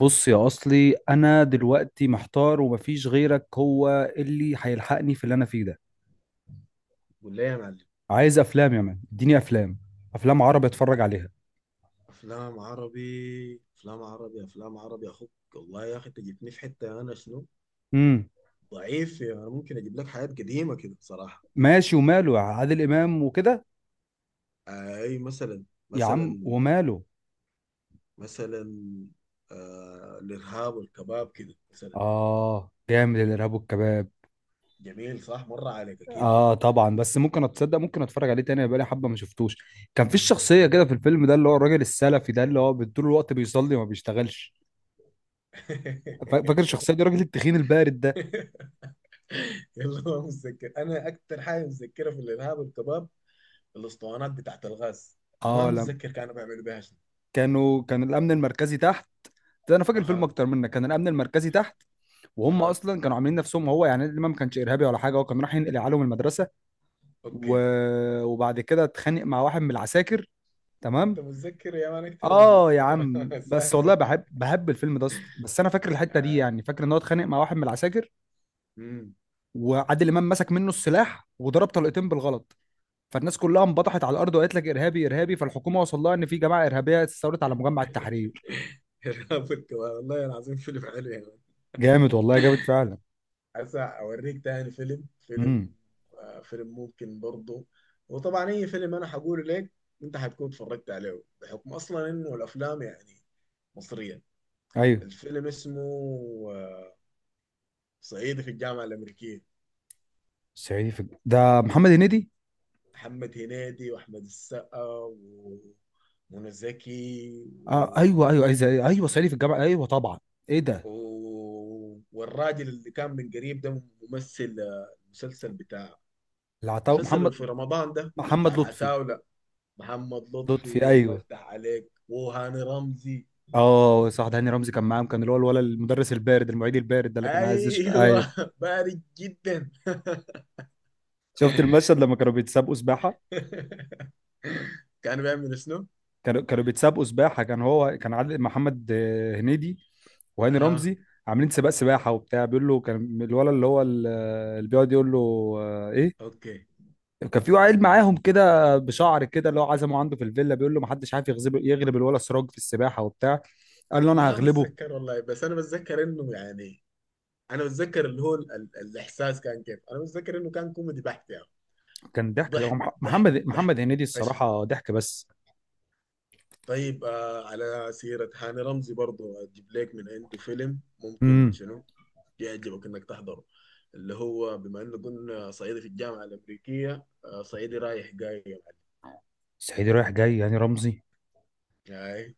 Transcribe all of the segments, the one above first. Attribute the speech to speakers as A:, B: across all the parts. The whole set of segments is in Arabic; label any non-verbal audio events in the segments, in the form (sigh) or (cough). A: بص يا اصلي، انا دلوقتي محتار ومفيش غيرك هو اللي هيلحقني في اللي انا فيه ده.
B: قول لي يا معلم.
A: عايز افلام يا مان، اديني افلام. افلام عربي اتفرج عليها.
B: افلام عربي، افلام عربي، افلام عربي، اخوك والله يا اخي، انت جبتني في حته انا شنو؟
A: امم
B: ضعيف يعني، انا ممكن اجيب لك حاجات قديمه كده صراحه.
A: ماشي وماله، يا عادل امام وكده.
B: اي
A: يا عم
B: مثلا
A: وماله.
B: مثلا آه الارهاب والكباب كده مثلا.
A: اه، جامد الارهاب والكباب.
B: جميل صح؟ مر عليك اكيد.
A: اه طبعا، بس ممكن اتصدق ممكن اتفرج عليه تاني، بقالي حبه ما شفتوش. كان في الشخصيه كده في الفيلم ده اللي هو الراجل السلفي ده اللي هو طول الوقت بيصلي وما بيشتغلش. فاكر
B: (laughs)
A: الشخصيه دي، الراجل التخين البارد ده.
B: يلا، ما متذكر، انا اكتر حاجه متذكرها في الارهاب والكباب الاسطوانات بتاعت الغاز، ما
A: اه لم.
B: متذكر كانوا بيعملوا بيها شنو.
A: كان الامن المركزي تحت. ده انا فاكر الفيلم
B: اها.
A: اكتر منك، كان الامن المركزي تحت. وهم
B: اها.
A: اصلا كانوا عاملين نفسهم هو، يعني الامام ما كانش ارهابي ولا حاجه، هو كان رايح ينقل عليهم المدرسه. و...
B: اوكي.
A: وبعد كده اتخانق مع واحد من العساكر.
B: انت
A: تمام.
B: متذكر يا مان اكتر مني
A: اه يا عم،
B: (laughs)
A: بس والله
B: اساسا.
A: بحب الفيلم ده أصلاً. بس انا فاكر الحته دي،
B: آه.
A: يعني فاكر ان هو اتخانق مع واحد من العساكر،
B: مم.
A: وعادل امام مسك منه السلاح وضرب طلقتين بالغلط. فالناس كلها انبطحت على الارض وقالت لك ارهابي ارهابي، فالحكومه وصل لها ان في جماعه ارهابيه استولت على مجمع
B: (laughs)
A: التحرير.
B: رابط كمان والله العظيم، فيلم حلو يا مان.
A: جامد والله، جامد فعلا.
B: هسه اوريك تاني فيلم.
A: امم
B: آه فيلم ممكن برضه. وطبعا اي فيلم انا حقوله لك انت حتكون اتفرجت عليه، بحكم اصلا انه الافلام يعني مصرية.
A: ايوه.
B: الفيلم اسمه آه، صعيدي في الجامعة الأمريكية.
A: ده محمد هنيدي.
B: محمد هنيدي وأحمد السقا ومنى زكي.
A: آه ايوه ايوه ايوه ايوه، صعيدي في الجامعه، ايوه طبعا. ايه ده.
B: والراجل اللي كان من قريب ده ممثل مسلسل بتاع،
A: العطاو
B: مسلسل اللي
A: محمد.
B: في رمضان ده، بتاع
A: محمد لطفي.
B: العتاولة. محمد
A: لطفي
B: لطفي، الله
A: ايوه.
B: يفتح عليك، وهاني رمزي.
A: اه صح، ده هاني رمزي كان معاهم، كان اللي هو الولد المدرس البارد المعيد البارد ده اللي كان عايز ايوه.
B: ايوه (laughs) بارد جدا (laughs)
A: شفت المشهد لما كانوا بيتسابقوا سباحه.
B: كان بيعمل شنو؟
A: كانوا بيتسابقوا سباحه، كان عادل، محمد هنيدي وهاني
B: اها.
A: رمزي، عاملين سباق سباحه وبتاع. بيقول له كان الولد اللي هو اللي بيقعد يقول له ايه،
B: اوكي.
A: كان في عيل معاهم كده بشعر كده اللي هو عزمه عنده في الفيلا، بيقول له ما حدش عارف يغلب، يغلب الولا سراج في السباحه وبتاع. قال له انا
B: ما
A: هغلبه.
B: بتذكر والله، بس انا بتذكر انه يعني، انا بتذكر اللي هو ال الاحساس كان كيف. انا بتذكر انه كان كوميدي بحت يعني.
A: كان ضحك، هو
B: ضحك
A: مح-
B: ضحك
A: محمد
B: ضحك
A: محمد هنيدي
B: فشخ.
A: الصراحه ضحك بس.
B: طيب آه، على سيرة هاني رمزي برضو أجيب لك من عنده فيلم ممكن
A: امم
B: شنو يعجبك إنك تحضره، اللي هو بما إنه قلنا صعيدي في الجامعة الأمريكية، آه صعيدي رايح جاي يا معلم.
A: صعيدي رايح جاي، يعني رمزي.
B: هاي.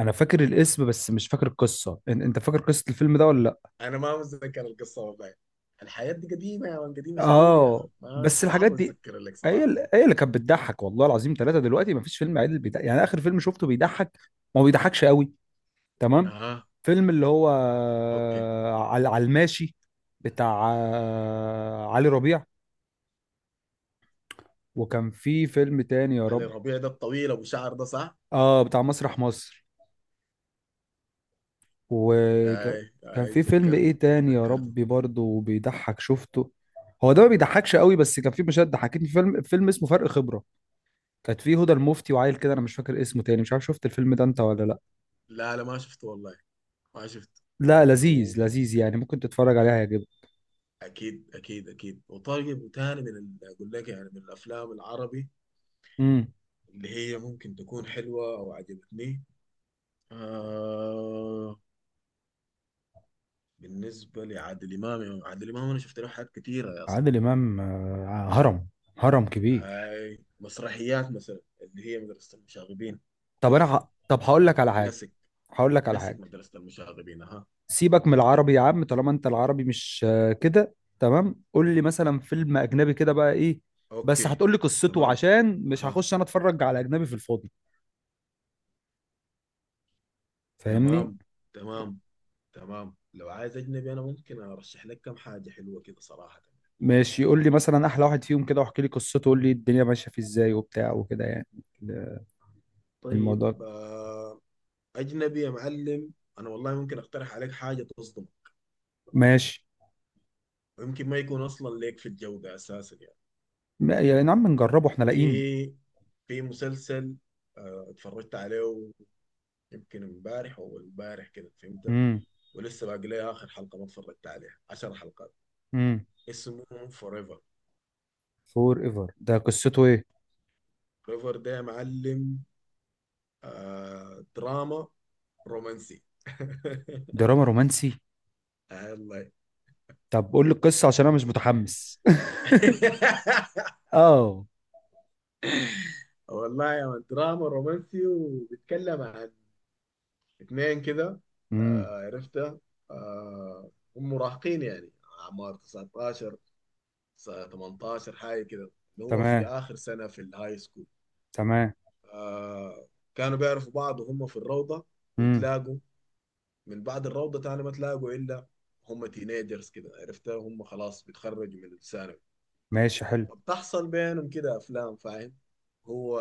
A: انا فاكر الاسم بس مش فاكر القصه، انت فاكر قصه الفيلم ده ولا لا؟
B: أنا ما متذكر القصة والله. الحياة دي قديمة يا مان، قديمة شديد يا أخي،
A: اه،
B: ما
A: بس الحاجات
B: صعب
A: دي
B: أتذكر لك صراحة.
A: هي اللي كانت بتضحك والله العظيم ثلاثه، دلوقتي ما فيش فيلم عادل بيضحك، يعني اخر فيلم شفته بيضحك ما هو بيضحكش قوي. تمام.
B: أها.
A: فيلم اللي هو
B: أوكي.
A: على الماشي، بتاع علي ربيع. وكان في فيلم تاني يا
B: علي
A: رب.
B: ربيع ده الطويل أبو شعر ده صح؟
A: اه بتاع مسرح مصر. وكان،
B: هاي
A: كان
B: هاي،
A: في فيلم ايه
B: تذكرته.
A: تاني يا
B: تذكرته.
A: ربي برضه بيضحك شفته، هو ده ما بيضحكش قوي بس كان في مشاهد ضحكتني. في فيلم اسمه فرق خبرة، كانت فيه هدى المفتي وعيل كده انا مش فاكر اسمه تاني، مش عارف شفت الفيلم ده انت ولا لا.
B: لا لا، ما شفته والله. ما شفته.
A: لا لذيذ، لذيذ يعني، ممكن تتفرج عليه هيعجبك.
B: اكيد اكيد اكيد. وطيب وتاني من اقول لك يعني من الافلام العربي
A: امم
B: اللي هي ممكن تكون حلوه او عجبتني. آه، بالنسبه لعادل امام، عادل امام انا شفت له حاجات كتيره يا اصلا.
A: عادل امام هرم، هرم كبير.
B: هاي مسرحيات مثلا اللي هي مدرسه المشاغبين،
A: طب
B: تحفه.
A: طب هقول لك على حاجه.
B: كلاسيك.
A: هقول لك على
B: كلاسيك
A: حاجه.
B: مدرسه المشاغبين. اها.
A: سيبك من العربي يا عم، طالما انت العربي مش كده تمام، قول لي مثلا فيلم اجنبي كده بقى ايه. بس
B: اوكي.
A: هتقول لي قصته
B: تمام.
A: عشان مش
B: اها.
A: هخش انا اتفرج على اجنبي في الفاضي. فاهمني.
B: تمام. تمام. تمام، لو عايز اجنبي انا ممكن ارشح لك كم حاجه حلوه كده صراحه.
A: ماشي، قول لي مثلا احلى واحد فيهم كده، واحكي لي قصته قول لي الدنيا ماشيه فيه ازاي وبتاع وكده يعني ال-
B: طيب
A: الموضوع.
B: آه، اجنبي يا معلم. انا والله ممكن اقترح عليك حاجه تصدمك،
A: ماشي.
B: ويمكن ما يكون اصلا ليك في الجو ده اساسا يعني.
A: يا نعم نجربه احنا لاقيين.
B: في في مسلسل اتفرجت عليه يمكن امبارح او امبارح كده فهمت.
A: امم
B: ولسه باقي لي اخر حلقه ما اتفرجت عليها، 10 حلقات.
A: امم
B: اسمه فوريفر.
A: فور ايفر ده قصته ايه؟
B: فوريفر ده يا معلم دراما رومانسي (laughs)
A: دراما رومانسي؟
B: آه، والله.
A: طب قول لي القصه عشان انا مش متحمس. (laughs)
B: (laughs)
A: اه.
B: والله يا من دراما رومانسي، وبيتكلم عن اتنين كده.
A: امم
B: آه عرفتها. آه، هم مراهقين يعني، اعمار 19، 18 حاجه كده، اللي هو في
A: تمام،
B: اخر سنه في الهاي سكول.
A: تمام.
B: آه. كانوا بيعرفوا بعض وهم في الروضه،
A: امم
B: وتلاقوا من بعد الروضه، تاني ما تلاقوا الا هم تينيجرز كده عرفتها، هم خلاص بيتخرجوا من الثانوي.
A: ماشي، حلو.
B: فبتحصل بينهم كده افلام فاهم. هو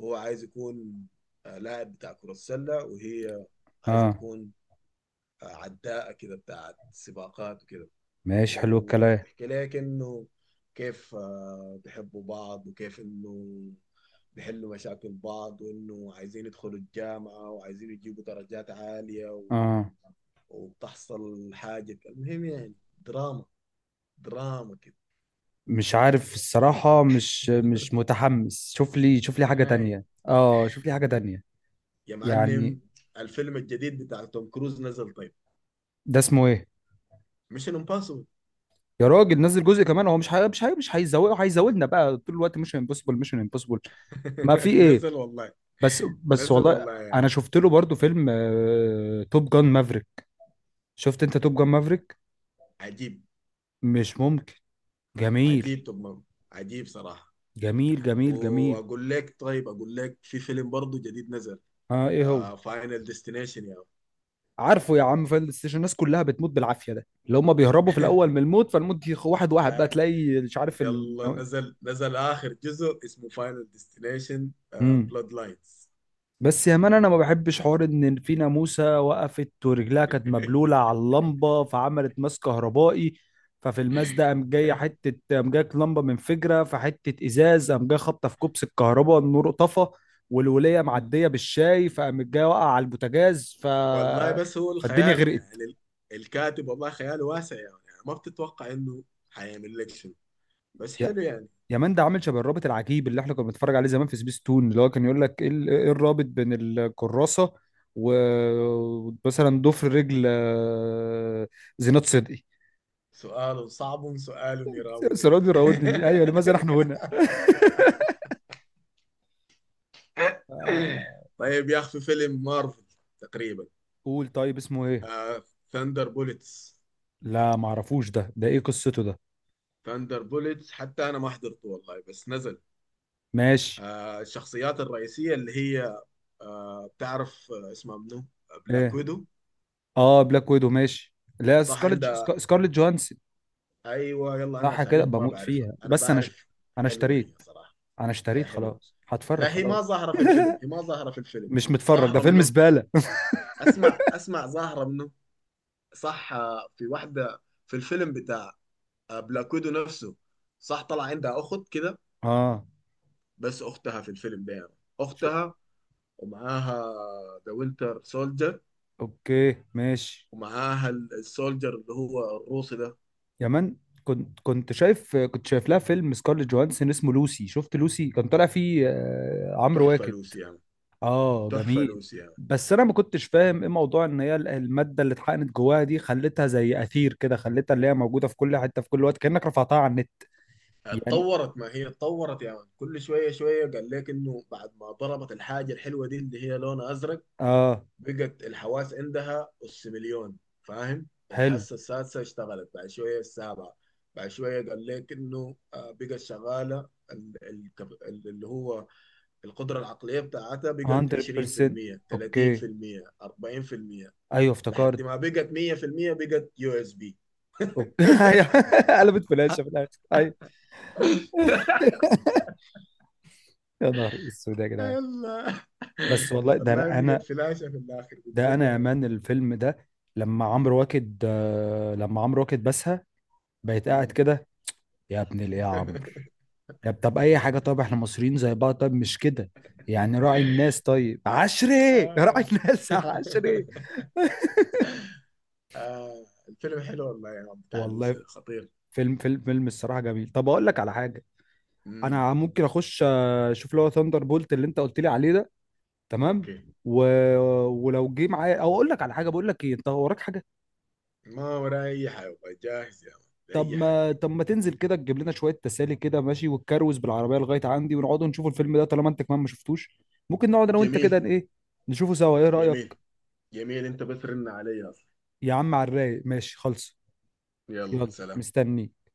B: هو عايز يكون لاعب بتاع كره السله، وهي عايزه
A: اه،
B: تكون عداءة كده بتاعت سباقات وكده.
A: ماشي حلو الكلام.
B: وبيحكي لك انه كيف بيحبوا بعض، وكيف انه بيحلوا مشاكل بعض، وانه عايزين يدخلوا الجامعة وعايزين يجيبوا درجات عالية
A: اه
B: وبتحصل حاجة، المهم يعني دراما، دراما كده.
A: مش عارف الصراحة، مش
B: (laughs)
A: متحمس، شوف لي حاجة
B: نهاية
A: تانية، اه، شوف لي حاجة تانية
B: يا
A: يعني.
B: معلم. الفيلم الجديد بتاع توم كروز نزل طيب،
A: ده اسمه ايه؟
B: مش امباسبل
A: يا راجل نزل جزء كمان، هو مش هي... مش هي... مش هيزوقه هيزودنا بقى طول الوقت، مش امبوسيبل مش امبوسيبل. ما في
B: (laughs)
A: ايه.
B: نزل والله.
A: بس
B: نزل
A: والله،
B: والله يا عم.
A: انا شفت له برضو فيلم توب جان مافريك. شفت انت توب جان مافريك؟
B: عجيب.
A: مش ممكن، جميل
B: عجيب توم، عجيب صراحة.
A: جميل جميل جميل.
B: واقول لك، طيب اقول لك، في فيلم برضه جديد نزل،
A: اه ايه هو؟
B: آه فاينل ديستنيشن يا (laughs)
A: عارفه يا عم فاينل ديستنيشن، الناس كلها بتموت بالعافيه، ده اللي هم بيهربوا في الاول من
B: مان.
A: الموت فالموت واحد واحد بقى
B: آه،
A: تلاقي، مش عارف
B: يلا نزل، نزل اخر جزء اسمه فاينل ديستنيشن
A: امم
B: بلاد لاينز.
A: بس يا مان انا ما بحبش حوار ان في ناموسه وقفت ورجلها كانت مبلوله على اللمبه فعملت ماس كهربائي، ففي الماس ده
B: (laughs)
A: قام جايه حته، قام جايه لمبه منفجره فحته ازاز، قام جايه خابطه في كوبس الكهرباء، النور طفى، والوليه معديه بالشاي فقام جايه واقع على البوتاجاز
B: والله بس هو
A: فالدنيا
B: الخيال
A: غرقت.
B: يعني الكاتب والله خياله واسع يعني، يعني ما بتتوقع انه حيعمل لك شنو، بس حلو يعني.
A: يمان ده عامل شبه الرابط العجيب اللي احنا كنا بنتفرج عليه زمان في سبيس تون، اللي هو كان يقول لك ايه إيه الرابط بين الكراسه ومثلا ضفر رجل زينات صدقي.
B: سؤال صعب، سؤال
A: (laughs)
B: يراودني
A: سرادي
B: (laughs)
A: راودني ليه؟ ايوه، لماذا نحن هنا. (laughs) آه،
B: طيب يا اخي، في فيلم مارفل تقريبا،
A: قول طيب اسمه ايه.
B: آه ثاندر بوليتس.
A: لا معرفوش ده ايه قصته ده.
B: ثاندر بوليتس حتى انا ما حضرته والله بس نزل.
A: ماشي.
B: آه الشخصيات الرئيسيه اللي هي، آه بتعرف آه اسمها منو؟ بلاك
A: ايه.
B: ويدو.
A: اه بلاك ويدو ماشي. لا
B: صح
A: سكارلت
B: عندها.
A: سكارلت جوهانسون.
B: ايوه يلا، انا
A: صح كده،
B: اساميهم ما
A: بموت
B: بعرفها،
A: فيها،
B: انا
A: بس انا
B: بعرف.
A: انا
B: حلوه هي
A: اشتريت
B: صراحه.
A: انا
B: هي
A: اشتريت
B: حلوه.
A: خلاص، هتفرغ
B: لا، هي
A: خلاص.
B: ما ظاهره في الفيلم، هي
A: (laughs)
B: ما ظاهره في الفيلم.
A: مش متفرج، ده
B: ظاهره
A: فيلم
B: منو.
A: زبالة.
B: اسمع اسمع، ظاهره منو. صح آه، في واحده في الفيلم بتاع، آه بلاك ويدو نفسه، صح، طلع عندها اخت كده.
A: اه
B: بس اختها في الفيلم ده يعني.
A: شو.
B: اختها ومعاها ذا وينتر سولجر،
A: اوكي ماشي.
B: ومعاها السولجر اللي هو الروسي ده.
A: يا من، كنت شايف لها فيلم سكارليت جوهانسون اسمه لوسي. شفت لوسي؟ كان طالع فيه عمرو
B: تحفة
A: واكد.
B: لوسي يعني.
A: اه
B: تحفة
A: جميل.
B: لوسي يعني.
A: بس انا ما كنتش فاهم ايه موضوع ان الماده اللي اتحقنت جواها دي خلتها زي اثير كده، خلتها اللي هي موجوده في كل حته في كل وقت، كانك رفعتها على النت يعني.
B: اتطورت، ما هي اتطورت يعني كل شوية شوية، قال لك انه بعد ما ضربت الحاجة الحلوة دي اللي هي لونها ازرق
A: اه
B: بقت الحواس عندها اس مليون، فاهم؟
A: حلو.
B: الحاسة السادسة اشتغلت، بعد شوية السابعة، بعد شوية قال لك انه بقت شغالة اللي هو القدرة العقلية بتاعتها بقت
A: 100%.
B: 20%،
A: اوكي،
B: 30%، 40%،
A: ايوه
B: لحد
A: افتكرت.
B: ما بقت 100%، بقت يو اس بي.
A: اوكي. (laughs) أيوة، قلبت فلاشه في الاخر، ايوه. (laughs) يا نهار اسود يا جدعان.
B: الله.
A: بس والله، ده
B: والله
A: انا
B: بقت
A: انا
B: فلاشة في الآخر
A: ده
B: بجد
A: انا يا
B: يعني.
A: مان الفيلم ده، لما عمرو واكد بسها بقيت قاعد
B: مم.
A: كده، يا ابن الايه يا عمرو،
B: (laughs)
A: يا طب اي حاجه، طب احنا مصريين زي بعض، طب مش كده يعني، راعي الناس، طيب عشري، (laughs) راعي
B: آه.
A: الناس يا عشري.
B: (laughs) آه. الفيلم حلو والله يا عم بتاع لوسي
A: والله
B: ده، خطير.
A: فيلم الصراحه جميل. طب اقول لك على حاجه،
B: مم.
A: انا ممكن اخش اشوف اللي هو ثاندر بولت اللي انت قلت لي عليه ده. تمام.
B: اوكي.
A: و... ولو جه معايا، او اقول لك على حاجه، بقول لك ايه، انت وراك حاجه؟
B: ما وراي اي حاجة والله، جاهز يا عم.
A: طب
B: اي حاجة.
A: ما طب ما تنزل كده تجيب لنا شويه تسالي كده ماشي، وتكروز بالعربيه لغايه عندي ونقعدوا نشوفوا الفيلم ده طالما انت كمان ما شفتوش. ممكن نقعد انا وانت كده،
B: جميل.
A: ايه، نشوفه سوا، ايه رايك؟
B: جميل. جميل انت، بس رن علي اصلا.
A: يا عم على الرايق، ماشي خلص.
B: يلا
A: يلا
B: سلام.
A: مستنيك.